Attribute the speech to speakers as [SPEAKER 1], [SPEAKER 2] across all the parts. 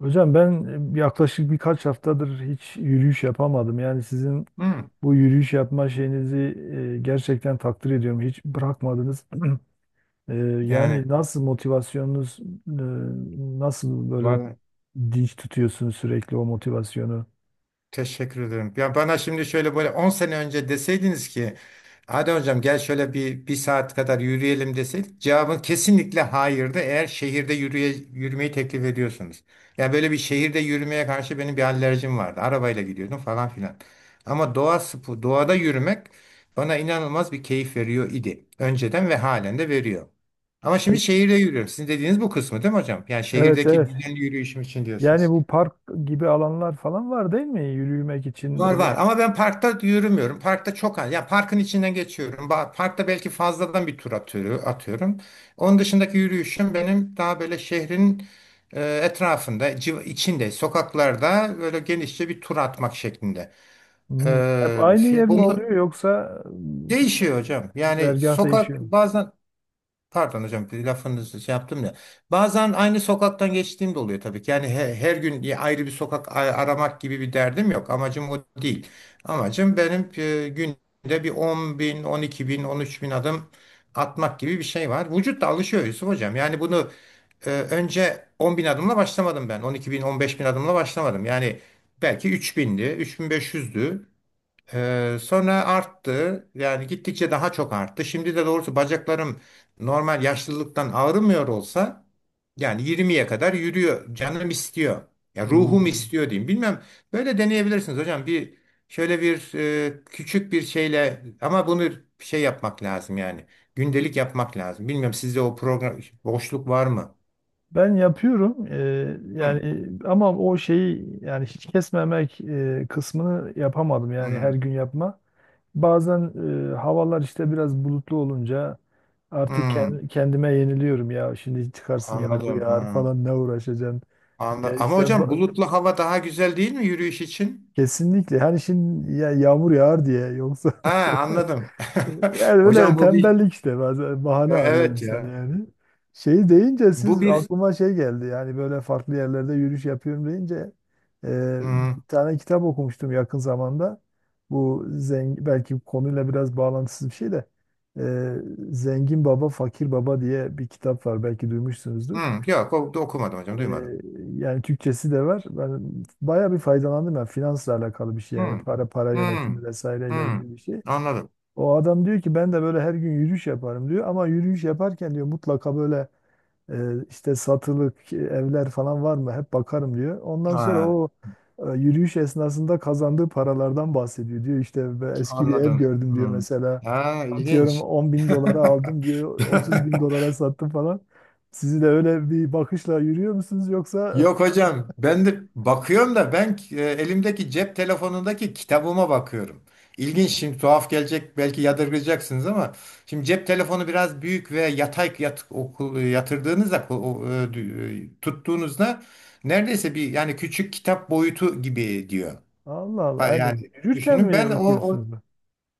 [SPEAKER 1] Hocam ben yaklaşık birkaç haftadır hiç yürüyüş yapamadım. Yani sizin
[SPEAKER 2] Hı,
[SPEAKER 1] bu yürüyüş yapma şeyinizi gerçekten takdir ediyorum. Hiç bırakmadınız. E,
[SPEAKER 2] yani
[SPEAKER 1] yani nasıl motivasyonunuz, nasıl böyle
[SPEAKER 2] var,
[SPEAKER 1] dinç tutuyorsunuz sürekli o motivasyonu?
[SPEAKER 2] teşekkür ederim. Ya bana şimdi şöyle böyle 10 sene önce deseydiniz ki hadi hocam gel şöyle bir saat kadar yürüyelim deseydik cevabın kesinlikle hayırdı eğer şehirde yürümeyi teklif ediyorsunuz. Yani böyle bir şehirde yürümeye karşı benim bir alerjim vardı. Arabayla gidiyordum falan filan. Ama doğada yürümek bana inanılmaz bir keyif veriyor idi. Önceden ve halen de veriyor. Ama şimdi şehirde yürüyorum. Sizin dediğiniz bu kısmı değil mi hocam? Yani
[SPEAKER 1] Evet,
[SPEAKER 2] şehirdeki
[SPEAKER 1] evet.
[SPEAKER 2] düzenli yürüyüşüm için
[SPEAKER 1] Yani
[SPEAKER 2] diyorsunuz.
[SPEAKER 1] bu park gibi alanlar falan var değil mi? Yürümek için
[SPEAKER 2] Var
[SPEAKER 1] öyle.
[SPEAKER 2] var ama ben parkta yürümüyorum. Parkta çok az. Ya parkın içinden geçiyorum. Parkta belki fazladan bir tur atıyorum, atıyorum. Onun dışındaki yürüyüşüm benim daha böyle şehrin etrafında, içinde, sokaklarda böyle genişçe bir tur atmak şeklinde.
[SPEAKER 1] Hmm. Hep aynı yer mi oluyor
[SPEAKER 2] Bunu
[SPEAKER 1] yoksa
[SPEAKER 2] değişiyor hocam. Yani
[SPEAKER 1] güzergah değişiyor
[SPEAKER 2] sokak
[SPEAKER 1] mu?
[SPEAKER 2] bazen. Pardon hocam, bir lafınızı şey yaptım da. Bazen aynı sokaktan geçtiğim de oluyor tabii ki. Yani her gün bir ayrı bir sokak aramak gibi bir derdim yok. Amacım o değil. Amacım benim günde bir 10 bin, 12 bin, 13 bin adım atmak gibi bir şey var. Vücut da alışıyor, Yusuf hocam. Yani bunu önce 10 bin adımla başlamadım ben. 12 bin, 15 bin adımla başlamadım. Yani belki 3 bindi, 3500'dü. Sonra arttı. Yani gittikçe daha çok arttı. Şimdi de doğrusu bacaklarım normal yaşlılıktan ağrımıyor olsa yani 20'ye kadar yürüyor. Canım istiyor. Ya
[SPEAKER 1] Hmm.
[SPEAKER 2] ruhum istiyor diyeyim. Bilmem, böyle deneyebilirsiniz hocam. Bir şöyle bir küçük bir şeyle ama bunu şey yapmak lazım yani. Gündelik yapmak lazım. Bilmiyorum, sizde o program boşluk var mı?
[SPEAKER 1] Ben yapıyorum,
[SPEAKER 2] Hmm,
[SPEAKER 1] yani ama o şeyi yani hiç kesmemek kısmını yapamadım, yani her
[SPEAKER 2] hmm,
[SPEAKER 1] gün yapma. Bazen havalar işte biraz bulutlu olunca artık
[SPEAKER 2] hmm,
[SPEAKER 1] kendime yeniliyorum, ya şimdi çıkarsın yağmur
[SPEAKER 2] anladım.
[SPEAKER 1] yağar
[SPEAKER 2] Ha,
[SPEAKER 1] falan ne uğraşacaksın, ya
[SPEAKER 2] ama
[SPEAKER 1] işte
[SPEAKER 2] hocam
[SPEAKER 1] ba-
[SPEAKER 2] bulutlu hava daha güzel değil mi yürüyüş için?
[SPEAKER 1] kesinlikle, hani şimdi ya yağmur yağar diye, yoksa
[SPEAKER 2] Ha,
[SPEAKER 1] şey.
[SPEAKER 2] anladım.
[SPEAKER 1] Yani böyle
[SPEAKER 2] Hocam bu bir.
[SPEAKER 1] tembellik, işte bazen bahane
[SPEAKER 2] Ya,
[SPEAKER 1] arıyor
[SPEAKER 2] evet
[SPEAKER 1] insan
[SPEAKER 2] ya.
[SPEAKER 1] yani. Şey deyince
[SPEAKER 2] Bu
[SPEAKER 1] siz,
[SPEAKER 2] bir
[SPEAKER 1] aklıma şey geldi, yani böyle farklı yerlerde yürüyüş yapıyorum deyince, bir
[SPEAKER 2] hmm,
[SPEAKER 1] tane kitap okumuştum yakın zamanda. Bu zengin, belki konuyla biraz bağlantısız bir şey de, e, Zengin Baba Fakir Baba diye bir kitap var, belki duymuşsunuzdur.
[SPEAKER 2] hmm, yok, okumadım hocam,
[SPEAKER 1] E,
[SPEAKER 2] duymadım.
[SPEAKER 1] Yani Türkçesi de var. Ben bayağı bir faydalandım, ya finansla alakalı bir şey, yani
[SPEAKER 2] Hmm,
[SPEAKER 1] para, para yönetimi
[SPEAKER 2] hmm,
[SPEAKER 1] vesaireyle
[SPEAKER 2] hmm.
[SPEAKER 1] ilgili bir şey.
[SPEAKER 2] Anladım.
[SPEAKER 1] O adam diyor ki ben de böyle her gün yürüyüş yaparım diyor, ama yürüyüş yaparken diyor mutlaka böyle işte satılık evler falan var mı hep bakarım diyor. Ondan sonra
[SPEAKER 2] Ha,
[SPEAKER 1] o yürüyüş esnasında kazandığı paralardan bahsediyor, diyor işte, "Ben eski bir ev
[SPEAKER 2] anladım.
[SPEAKER 1] gördüm diyor
[SPEAKER 2] Hmm.
[SPEAKER 1] mesela,
[SPEAKER 2] Ha,
[SPEAKER 1] atıyorum
[SPEAKER 2] ilginç.
[SPEAKER 1] $10.000 aldım diyor, otuz bin dolara sattım falan. Sizi de öyle bir bakışla yürüyor musunuz yoksa?
[SPEAKER 2] Yok hocam, ben de bakıyorum da ben elimdeki cep telefonundaki kitabıma bakıyorum. İlginç, şimdi tuhaf gelecek belki yadırgayacaksınız ama şimdi cep telefonu biraz büyük ve yatay yatırdığınızda ko- o, e, dü- e, tuttuğunuzda neredeyse bir yani küçük kitap boyutu gibi diyor.
[SPEAKER 1] Allah Allah.
[SPEAKER 2] Ha,
[SPEAKER 1] Yani
[SPEAKER 2] yani
[SPEAKER 1] yürürken
[SPEAKER 2] düşünün,
[SPEAKER 1] mi
[SPEAKER 2] ben
[SPEAKER 1] okuyorsunuz bu?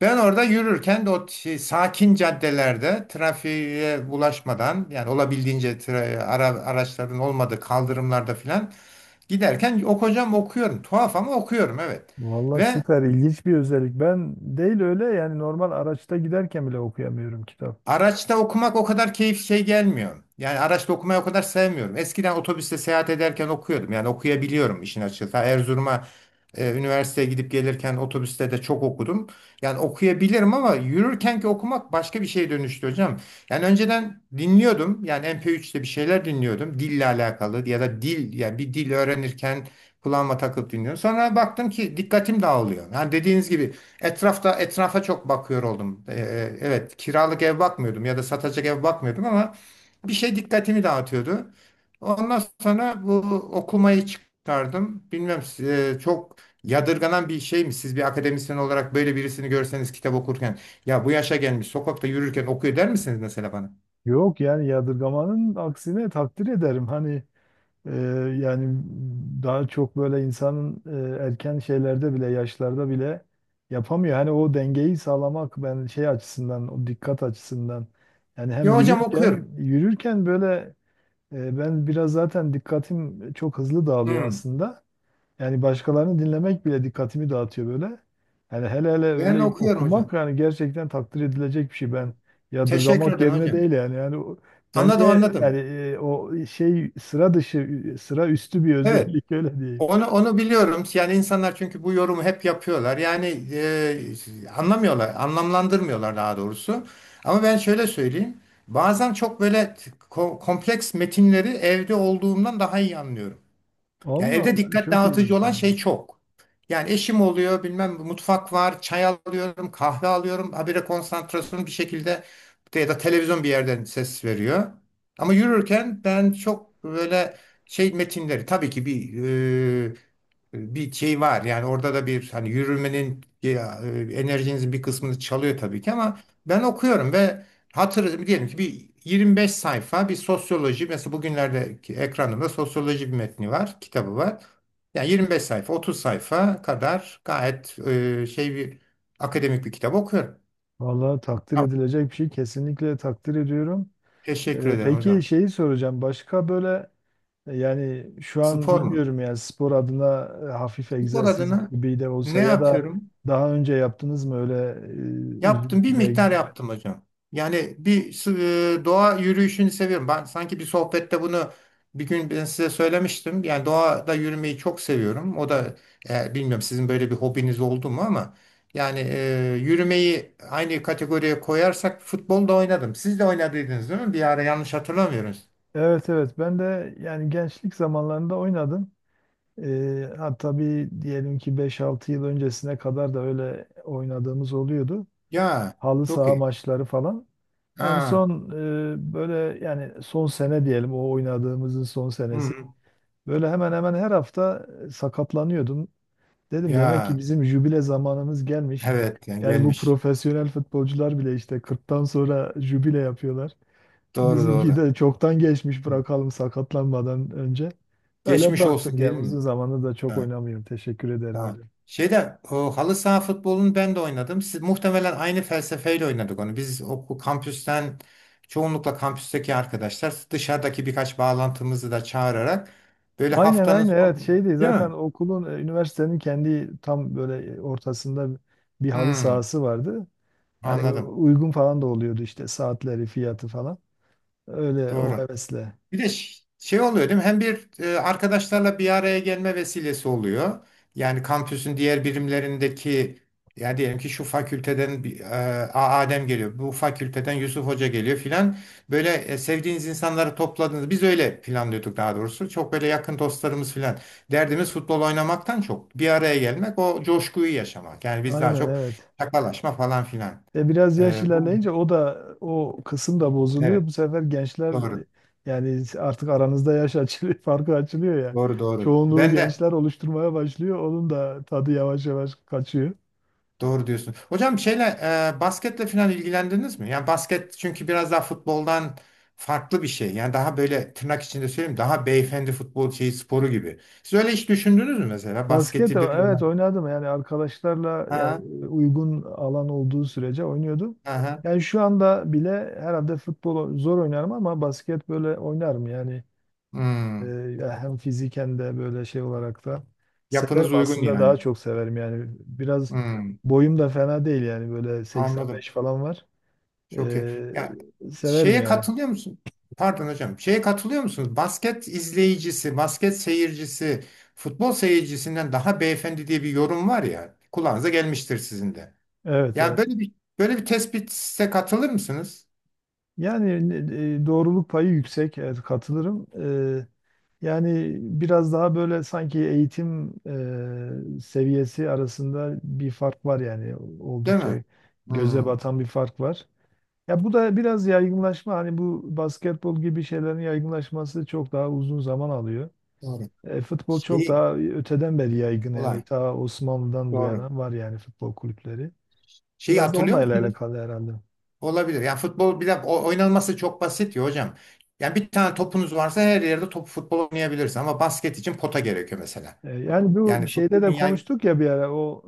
[SPEAKER 2] ben orada yürürken de o şey, sakin caddelerde trafiğe bulaşmadan yani olabildiğince araçların olmadığı kaldırımlarda filan giderken okuyorum. Tuhaf ama okuyorum, evet.
[SPEAKER 1] Vallahi
[SPEAKER 2] Ve
[SPEAKER 1] süper ilginç bir özellik. Ben değil öyle, yani normal araçta giderken bile okuyamıyorum kitap.
[SPEAKER 2] araçta okumak o kadar keyif şey gelmiyor. Yani araçta okumayı o kadar sevmiyorum. Eskiden otobüste seyahat ederken okuyordum. Yani okuyabiliyorum işin açıkçası. Ta Erzurum'a üniversiteye gidip gelirken otobüste de çok okudum. Yani okuyabilirim ama yürürkenki okumak başka bir şeye dönüştü hocam. Yani önceden dinliyordum. Yani MP3'te bir şeyler dinliyordum. Dille alakalı ya da dil, yani bir dil öğrenirken kulağıma takıp dinliyorum. Sonra baktım ki dikkatim dağılıyor. Yani dediğiniz gibi etrafa çok bakıyor oldum. Evet, kiralık ev bakmıyordum ya da satacak ev bakmıyordum ama bir şey dikkatimi dağıtıyordu. Ondan sonra bu okumayı çıkardım. Bilmem, çok yadırganan bir şey mi? Siz bir akademisyen olarak böyle birisini görseniz kitap okurken, ya bu yaşa gelmiş sokakta yürürken okuyor der misiniz mesela bana?
[SPEAKER 1] Yok, yani yadırgamanın aksine takdir ederim. Hani, e, yani daha çok böyle insanın erken şeylerde bile, yaşlarda bile yapamıyor. Hani o dengeyi sağlamak, ben şey açısından, o dikkat açısından, yani hem
[SPEAKER 2] Ya hocam,
[SPEAKER 1] yürürken
[SPEAKER 2] okuyorum.
[SPEAKER 1] böyle. Ben biraz zaten dikkatim çok hızlı dağılıyor
[SPEAKER 2] Hmm.
[SPEAKER 1] aslında. Yani başkalarını dinlemek bile dikkatimi dağıtıyor böyle. Yani hele hele
[SPEAKER 2] Ben
[SPEAKER 1] öyle
[SPEAKER 2] okuyorum hocam.
[SPEAKER 1] okumak, yani gerçekten takdir edilecek bir şey. Ben
[SPEAKER 2] Teşekkür
[SPEAKER 1] yadırgamak
[SPEAKER 2] ederim
[SPEAKER 1] yerine
[SPEAKER 2] hocam.
[SPEAKER 1] değil yani.
[SPEAKER 2] Anladım,
[SPEAKER 1] Bence yani,
[SPEAKER 2] anladım.
[SPEAKER 1] o şey sıra dışı, sıra üstü bir
[SPEAKER 2] Evet.
[SPEAKER 1] özellik öyle diyeyim.
[SPEAKER 2] Onu biliyorum. Yani insanlar çünkü bu yorumu hep yapıyorlar. Yani anlamıyorlar, anlamlandırmıyorlar daha doğrusu. Ama ben şöyle söyleyeyim. Bazen çok böyle kompleks metinleri evde olduğumdan daha iyi anlıyorum. Ya
[SPEAKER 1] Allah
[SPEAKER 2] evde
[SPEAKER 1] Allah,
[SPEAKER 2] dikkat
[SPEAKER 1] çok
[SPEAKER 2] dağıtıcı
[SPEAKER 1] ilginç
[SPEAKER 2] olan
[SPEAKER 1] yani.
[SPEAKER 2] şey çok. Yani eşim oluyor, bilmem mutfak var, çay alıyorum, kahve alıyorum. Habire konsantrasyonum bir şekilde, ya da televizyon bir yerden ses veriyor. Ama yürürken ben çok böyle şey metinleri, tabii ki bir şey var. Yani orada da bir hani yürümenin ya, enerjinizin bir kısmını çalıyor tabii ki ama ben okuyorum ve hatır diyelim ki bir 25 sayfa bir sosyoloji, mesela bugünlerdeki ekranımda sosyoloji bir metni var, kitabı var. Yani 25 sayfa, 30 sayfa kadar gayet bir akademik bir kitap okuyorum.
[SPEAKER 1] Vallahi takdir
[SPEAKER 2] Ya,
[SPEAKER 1] edilecek bir şey, kesinlikle takdir ediyorum.
[SPEAKER 2] teşekkür ederim
[SPEAKER 1] Peki
[SPEAKER 2] hocam.
[SPEAKER 1] şeyi soracağım. Başka böyle, yani şu an
[SPEAKER 2] Spor mu?
[SPEAKER 1] bilmiyorum, yani spor adına hafif
[SPEAKER 2] Spor
[SPEAKER 1] egzersiz
[SPEAKER 2] adına
[SPEAKER 1] gibi de
[SPEAKER 2] ne
[SPEAKER 1] olsa, ya da
[SPEAKER 2] yapıyorum?
[SPEAKER 1] daha önce yaptınız mı öyle uzun
[SPEAKER 2] Yaptım, bir
[SPEAKER 1] süre?
[SPEAKER 2] miktar yaptım hocam. Yani doğa yürüyüşünü seviyorum. Ben sanki bir sohbette bunu bir gün ben size söylemiştim. Yani doğada yürümeyi çok seviyorum. O da, bilmiyorum sizin böyle bir hobiniz oldu mu ama yani yürümeyi aynı kategoriye koyarsak futbolda oynadım. Siz de oynadıydınız değil mi? Bir ara, yanlış hatırlamıyoruz.
[SPEAKER 1] Evet, evet, ben de yani gençlik zamanlarında oynadım. Ha, tabii, diyelim ki beş altı yıl öncesine kadar da öyle oynadığımız oluyordu.
[SPEAKER 2] Ya
[SPEAKER 1] Halı
[SPEAKER 2] çok
[SPEAKER 1] saha
[SPEAKER 2] iyi.
[SPEAKER 1] maçları falan. En
[SPEAKER 2] Ha.
[SPEAKER 1] son böyle yani son sene diyelim o oynadığımızın son senesi.
[SPEAKER 2] Hı.
[SPEAKER 1] Böyle hemen hemen her hafta sakatlanıyordum. Dedim demek ki
[SPEAKER 2] Ya,
[SPEAKER 1] bizim jübile zamanımız gelmiş.
[SPEAKER 2] evet yani
[SPEAKER 1] Yani bu
[SPEAKER 2] gelmiş.
[SPEAKER 1] profesyonel futbolcular bile işte 40'tan sonra jübile yapıyorlar.
[SPEAKER 2] Doğru
[SPEAKER 1] Bizimki
[SPEAKER 2] doğru.
[SPEAKER 1] de çoktan geçmiş, bırakalım sakatlanmadan önce. Öyle
[SPEAKER 2] Geçmiş olsun
[SPEAKER 1] bıraktık yani,
[SPEAKER 2] diyelim mi?
[SPEAKER 1] uzun zamandır da çok
[SPEAKER 2] Ha.
[SPEAKER 1] oynamıyorum. Teşekkür ederim
[SPEAKER 2] Tamam.
[SPEAKER 1] hocam.
[SPEAKER 2] Şeyde, o halı saha futbolunu ben de oynadım. Siz muhtemelen aynı felsefeyle oynadık onu. Biz okul kampüsten, çoğunlukla kampüsteki arkadaşlar, dışarıdaki birkaç bağlantımızı da çağırarak böyle
[SPEAKER 1] Aynen,
[SPEAKER 2] haftanın
[SPEAKER 1] aynen, evet
[SPEAKER 2] sonu,
[SPEAKER 1] şeydi
[SPEAKER 2] değil
[SPEAKER 1] zaten
[SPEAKER 2] mi?
[SPEAKER 1] okulun, üniversitenin kendi tam böyle ortasında bir halı
[SPEAKER 2] Hmm,
[SPEAKER 1] sahası vardı. Hani
[SPEAKER 2] anladım.
[SPEAKER 1] uygun falan da oluyordu işte, saatleri fiyatı falan. Öyle o
[SPEAKER 2] Doğru.
[SPEAKER 1] hevesle.
[SPEAKER 2] Bir de şey oluyor değil mi? Hem bir arkadaşlarla bir araya gelme vesilesi oluyor. Yani kampüsün diğer birimlerindeki, ya diyelim ki şu fakülteden bir, Adem geliyor. Bu fakülteden Yusuf Hoca geliyor filan. Böyle sevdiğiniz insanları topladınız. Biz öyle planlıyorduk daha doğrusu. Çok böyle yakın dostlarımız filan. Derdimiz futbol oynamaktan çok, bir araya gelmek, o coşkuyu yaşamak. Yani biz daha
[SPEAKER 1] Aynen,
[SPEAKER 2] çok
[SPEAKER 1] evet.
[SPEAKER 2] şakalaşma falan filan.
[SPEAKER 1] E biraz yaş
[SPEAKER 2] E, bu
[SPEAKER 1] ilerleyince o da, o kısım da bozuluyor.
[SPEAKER 2] Evet,
[SPEAKER 1] Bu sefer gençler,
[SPEAKER 2] doğru.
[SPEAKER 1] e, yani artık aranızda yaş açılıyor, farkı açılıyor ya.
[SPEAKER 2] Doğru doğru.
[SPEAKER 1] Çoğunluğu
[SPEAKER 2] Ben de.
[SPEAKER 1] gençler oluşturmaya başlıyor. Onun da tadı yavaş yavaş kaçıyor.
[SPEAKER 2] Doğru diyorsun. Hocam, basketle falan ilgilendiniz mi? Yani basket çünkü biraz daha futboldan farklı bir şey. Yani daha böyle tırnak içinde söyleyeyim, daha beyefendi futbol şeyi sporu gibi. Siz öyle hiç düşündünüz mü mesela
[SPEAKER 1] Basket,
[SPEAKER 2] basketi bir?
[SPEAKER 1] evet oynadım, yani arkadaşlarla yani
[SPEAKER 2] Ha,
[SPEAKER 1] uygun alan olduğu sürece oynuyordum.
[SPEAKER 2] ha, ha.
[SPEAKER 1] Yani şu anda bile herhalde futbol zor oynarım, ama basket böyle oynarım yani. Ee,
[SPEAKER 2] Hmm.
[SPEAKER 1] Ya hem fiziken de böyle, şey olarak da severim
[SPEAKER 2] Yapınız uygun
[SPEAKER 1] aslında, daha
[SPEAKER 2] yani.
[SPEAKER 1] çok severim yani. Biraz
[SPEAKER 2] Hmm.
[SPEAKER 1] boyum da fena değil yani, böyle
[SPEAKER 2] Anladım.
[SPEAKER 1] 85 falan var.
[SPEAKER 2] Çok iyi.
[SPEAKER 1] ee,
[SPEAKER 2] Ya,
[SPEAKER 1] Severim
[SPEAKER 2] şeye
[SPEAKER 1] yani.
[SPEAKER 2] katılıyor musun? Pardon hocam. Şeye katılıyor musunuz? Basket izleyicisi, basket seyircisi, futbol seyircisinden daha beyefendi diye bir yorum var ya. Kulağınıza gelmiştir sizin de.
[SPEAKER 1] Evet,
[SPEAKER 2] Yani
[SPEAKER 1] evet.
[SPEAKER 2] böyle bir tespite katılır mısınız?
[SPEAKER 1] Yani doğruluk payı yüksek, evet katılırım. Yani biraz daha böyle sanki eğitim seviyesi arasında bir fark var, yani
[SPEAKER 2] Değil
[SPEAKER 1] oldukça
[SPEAKER 2] mi?
[SPEAKER 1] göze
[SPEAKER 2] Hmm,
[SPEAKER 1] batan bir fark var. Ya bu da biraz yaygınlaşma, hani bu basketbol gibi şeylerin yaygınlaşması çok daha uzun zaman alıyor.
[SPEAKER 2] doğru.
[SPEAKER 1] Futbol çok
[SPEAKER 2] Şey
[SPEAKER 1] daha öteden beri yaygın, yani
[SPEAKER 2] olay.
[SPEAKER 1] ta Osmanlı'dan bu
[SPEAKER 2] Doğru.
[SPEAKER 1] yana var yani futbol kulüpleri.
[SPEAKER 2] Şeyi
[SPEAKER 1] Biraz da onunla
[SPEAKER 2] hatırlıyor musunuz?
[SPEAKER 1] alakalı herhalde.
[SPEAKER 2] Olabilir. Yani futbol bir de oynanması çok basit ya hocam. Yani bir tane topunuz varsa her yerde top futbol oynayabilirsiniz ama basket için pota gerekiyor mesela.
[SPEAKER 1] Yani
[SPEAKER 2] Yani
[SPEAKER 1] bu şeyde
[SPEAKER 2] futbolun
[SPEAKER 1] de
[SPEAKER 2] yay...
[SPEAKER 1] konuştuk ya bir ara, o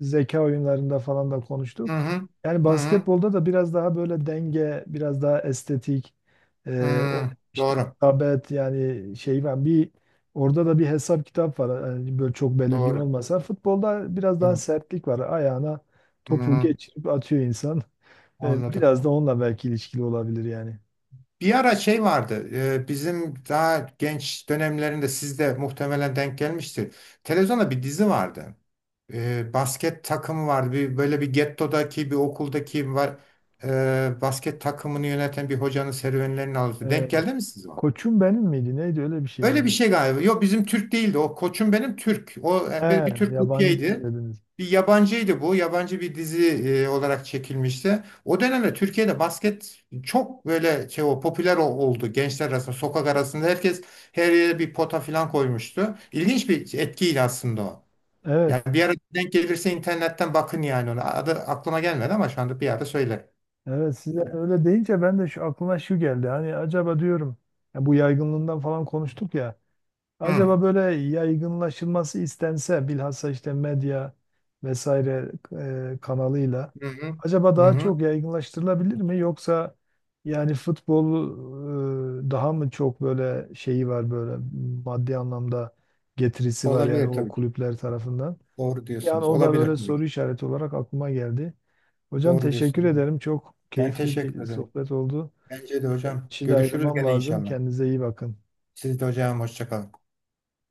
[SPEAKER 1] zeka oyunlarında falan da konuştuk.
[SPEAKER 2] Hı hı.
[SPEAKER 1] Yani
[SPEAKER 2] Hı hı.
[SPEAKER 1] basketbolda da biraz daha böyle denge, biraz daha estetik, o
[SPEAKER 2] Hı.
[SPEAKER 1] işte
[SPEAKER 2] Doğru.
[SPEAKER 1] hitabet, yani şey var bir, orada da bir hesap kitap var. Yani böyle çok belirgin
[SPEAKER 2] Doğru.
[SPEAKER 1] olmasa, futbolda biraz daha
[SPEAKER 2] Doğru.
[SPEAKER 1] sertlik var. Ayağına
[SPEAKER 2] Hı
[SPEAKER 1] topu
[SPEAKER 2] hı.
[SPEAKER 1] geçirip atıyor insan.
[SPEAKER 2] Anladım.
[SPEAKER 1] Biraz da onunla belki ilişkili olabilir yani.
[SPEAKER 2] Bir ara şey vardı. Bizim daha genç dönemlerinde siz de muhtemelen denk gelmiştir. Televizyonda bir dizi vardı. Basket takımı vardı. Bir, böyle bir gettodaki bir okuldaki var, basket takımını yöneten bir hocanın serüvenlerini alıyordu.
[SPEAKER 1] E,
[SPEAKER 2] Denk geldi mi siz?
[SPEAKER 1] Koçum Benim miydi? Neydi öyle bir şey
[SPEAKER 2] Öyle bir
[SPEAKER 1] miydi?
[SPEAKER 2] şey galiba. Yok bizim, Türk değildi. O koçum benim Türk. O
[SPEAKER 1] He,
[SPEAKER 2] bir Türk
[SPEAKER 1] yabancı siz
[SPEAKER 2] kopyaydı.
[SPEAKER 1] dediniz.
[SPEAKER 2] Bir yabancıydı bu. Yabancı bir dizi olarak çekilmişti. O dönemde Türkiye'de basket çok böyle şey, o popüler oldu. Gençler arasında, sokak arasında herkes her yere bir pota falan koymuştu. İlginç bir etkiydi aslında o. Yani
[SPEAKER 1] Evet.
[SPEAKER 2] bir ara denk gelirse internetten bakın yani ona. Adı aklıma gelmedi ama şu anda bir yerde söylerim.
[SPEAKER 1] Evet, size öyle deyince ben de şu aklıma şu geldi. Hani acaba diyorum, ya bu yaygınlığından falan konuştuk ya.
[SPEAKER 2] Hı.
[SPEAKER 1] Acaba böyle yaygınlaşılması istense bilhassa, işte medya vesaire kanalıyla,
[SPEAKER 2] Hı hı.
[SPEAKER 1] acaba
[SPEAKER 2] Hı
[SPEAKER 1] daha
[SPEAKER 2] hı.
[SPEAKER 1] çok yaygınlaştırılabilir mi? Yoksa yani futbol daha mı çok böyle şeyi var, böyle maddi anlamda getirisi var yani
[SPEAKER 2] Olabilir
[SPEAKER 1] o
[SPEAKER 2] tabii ki.
[SPEAKER 1] kulüpler tarafından.
[SPEAKER 2] Doğru
[SPEAKER 1] Yani
[SPEAKER 2] diyorsunuz.
[SPEAKER 1] o da
[SPEAKER 2] Olabilir
[SPEAKER 1] böyle
[SPEAKER 2] tabii
[SPEAKER 1] soru
[SPEAKER 2] ki.
[SPEAKER 1] işareti olarak aklıma geldi. Hocam
[SPEAKER 2] Doğru
[SPEAKER 1] teşekkür
[SPEAKER 2] diyorsunuz.
[SPEAKER 1] ederim. Çok
[SPEAKER 2] Ben
[SPEAKER 1] keyifli
[SPEAKER 2] teşekkür
[SPEAKER 1] bir
[SPEAKER 2] ederim.
[SPEAKER 1] sohbet oldu.
[SPEAKER 2] Bence de
[SPEAKER 1] Evet,
[SPEAKER 2] hocam.
[SPEAKER 1] şimdi
[SPEAKER 2] Görüşürüz
[SPEAKER 1] ayrılmam
[SPEAKER 2] gene
[SPEAKER 1] lazım.
[SPEAKER 2] inşallah.
[SPEAKER 1] Kendinize iyi bakın.
[SPEAKER 2] Siz de hocam, hoşça kalın.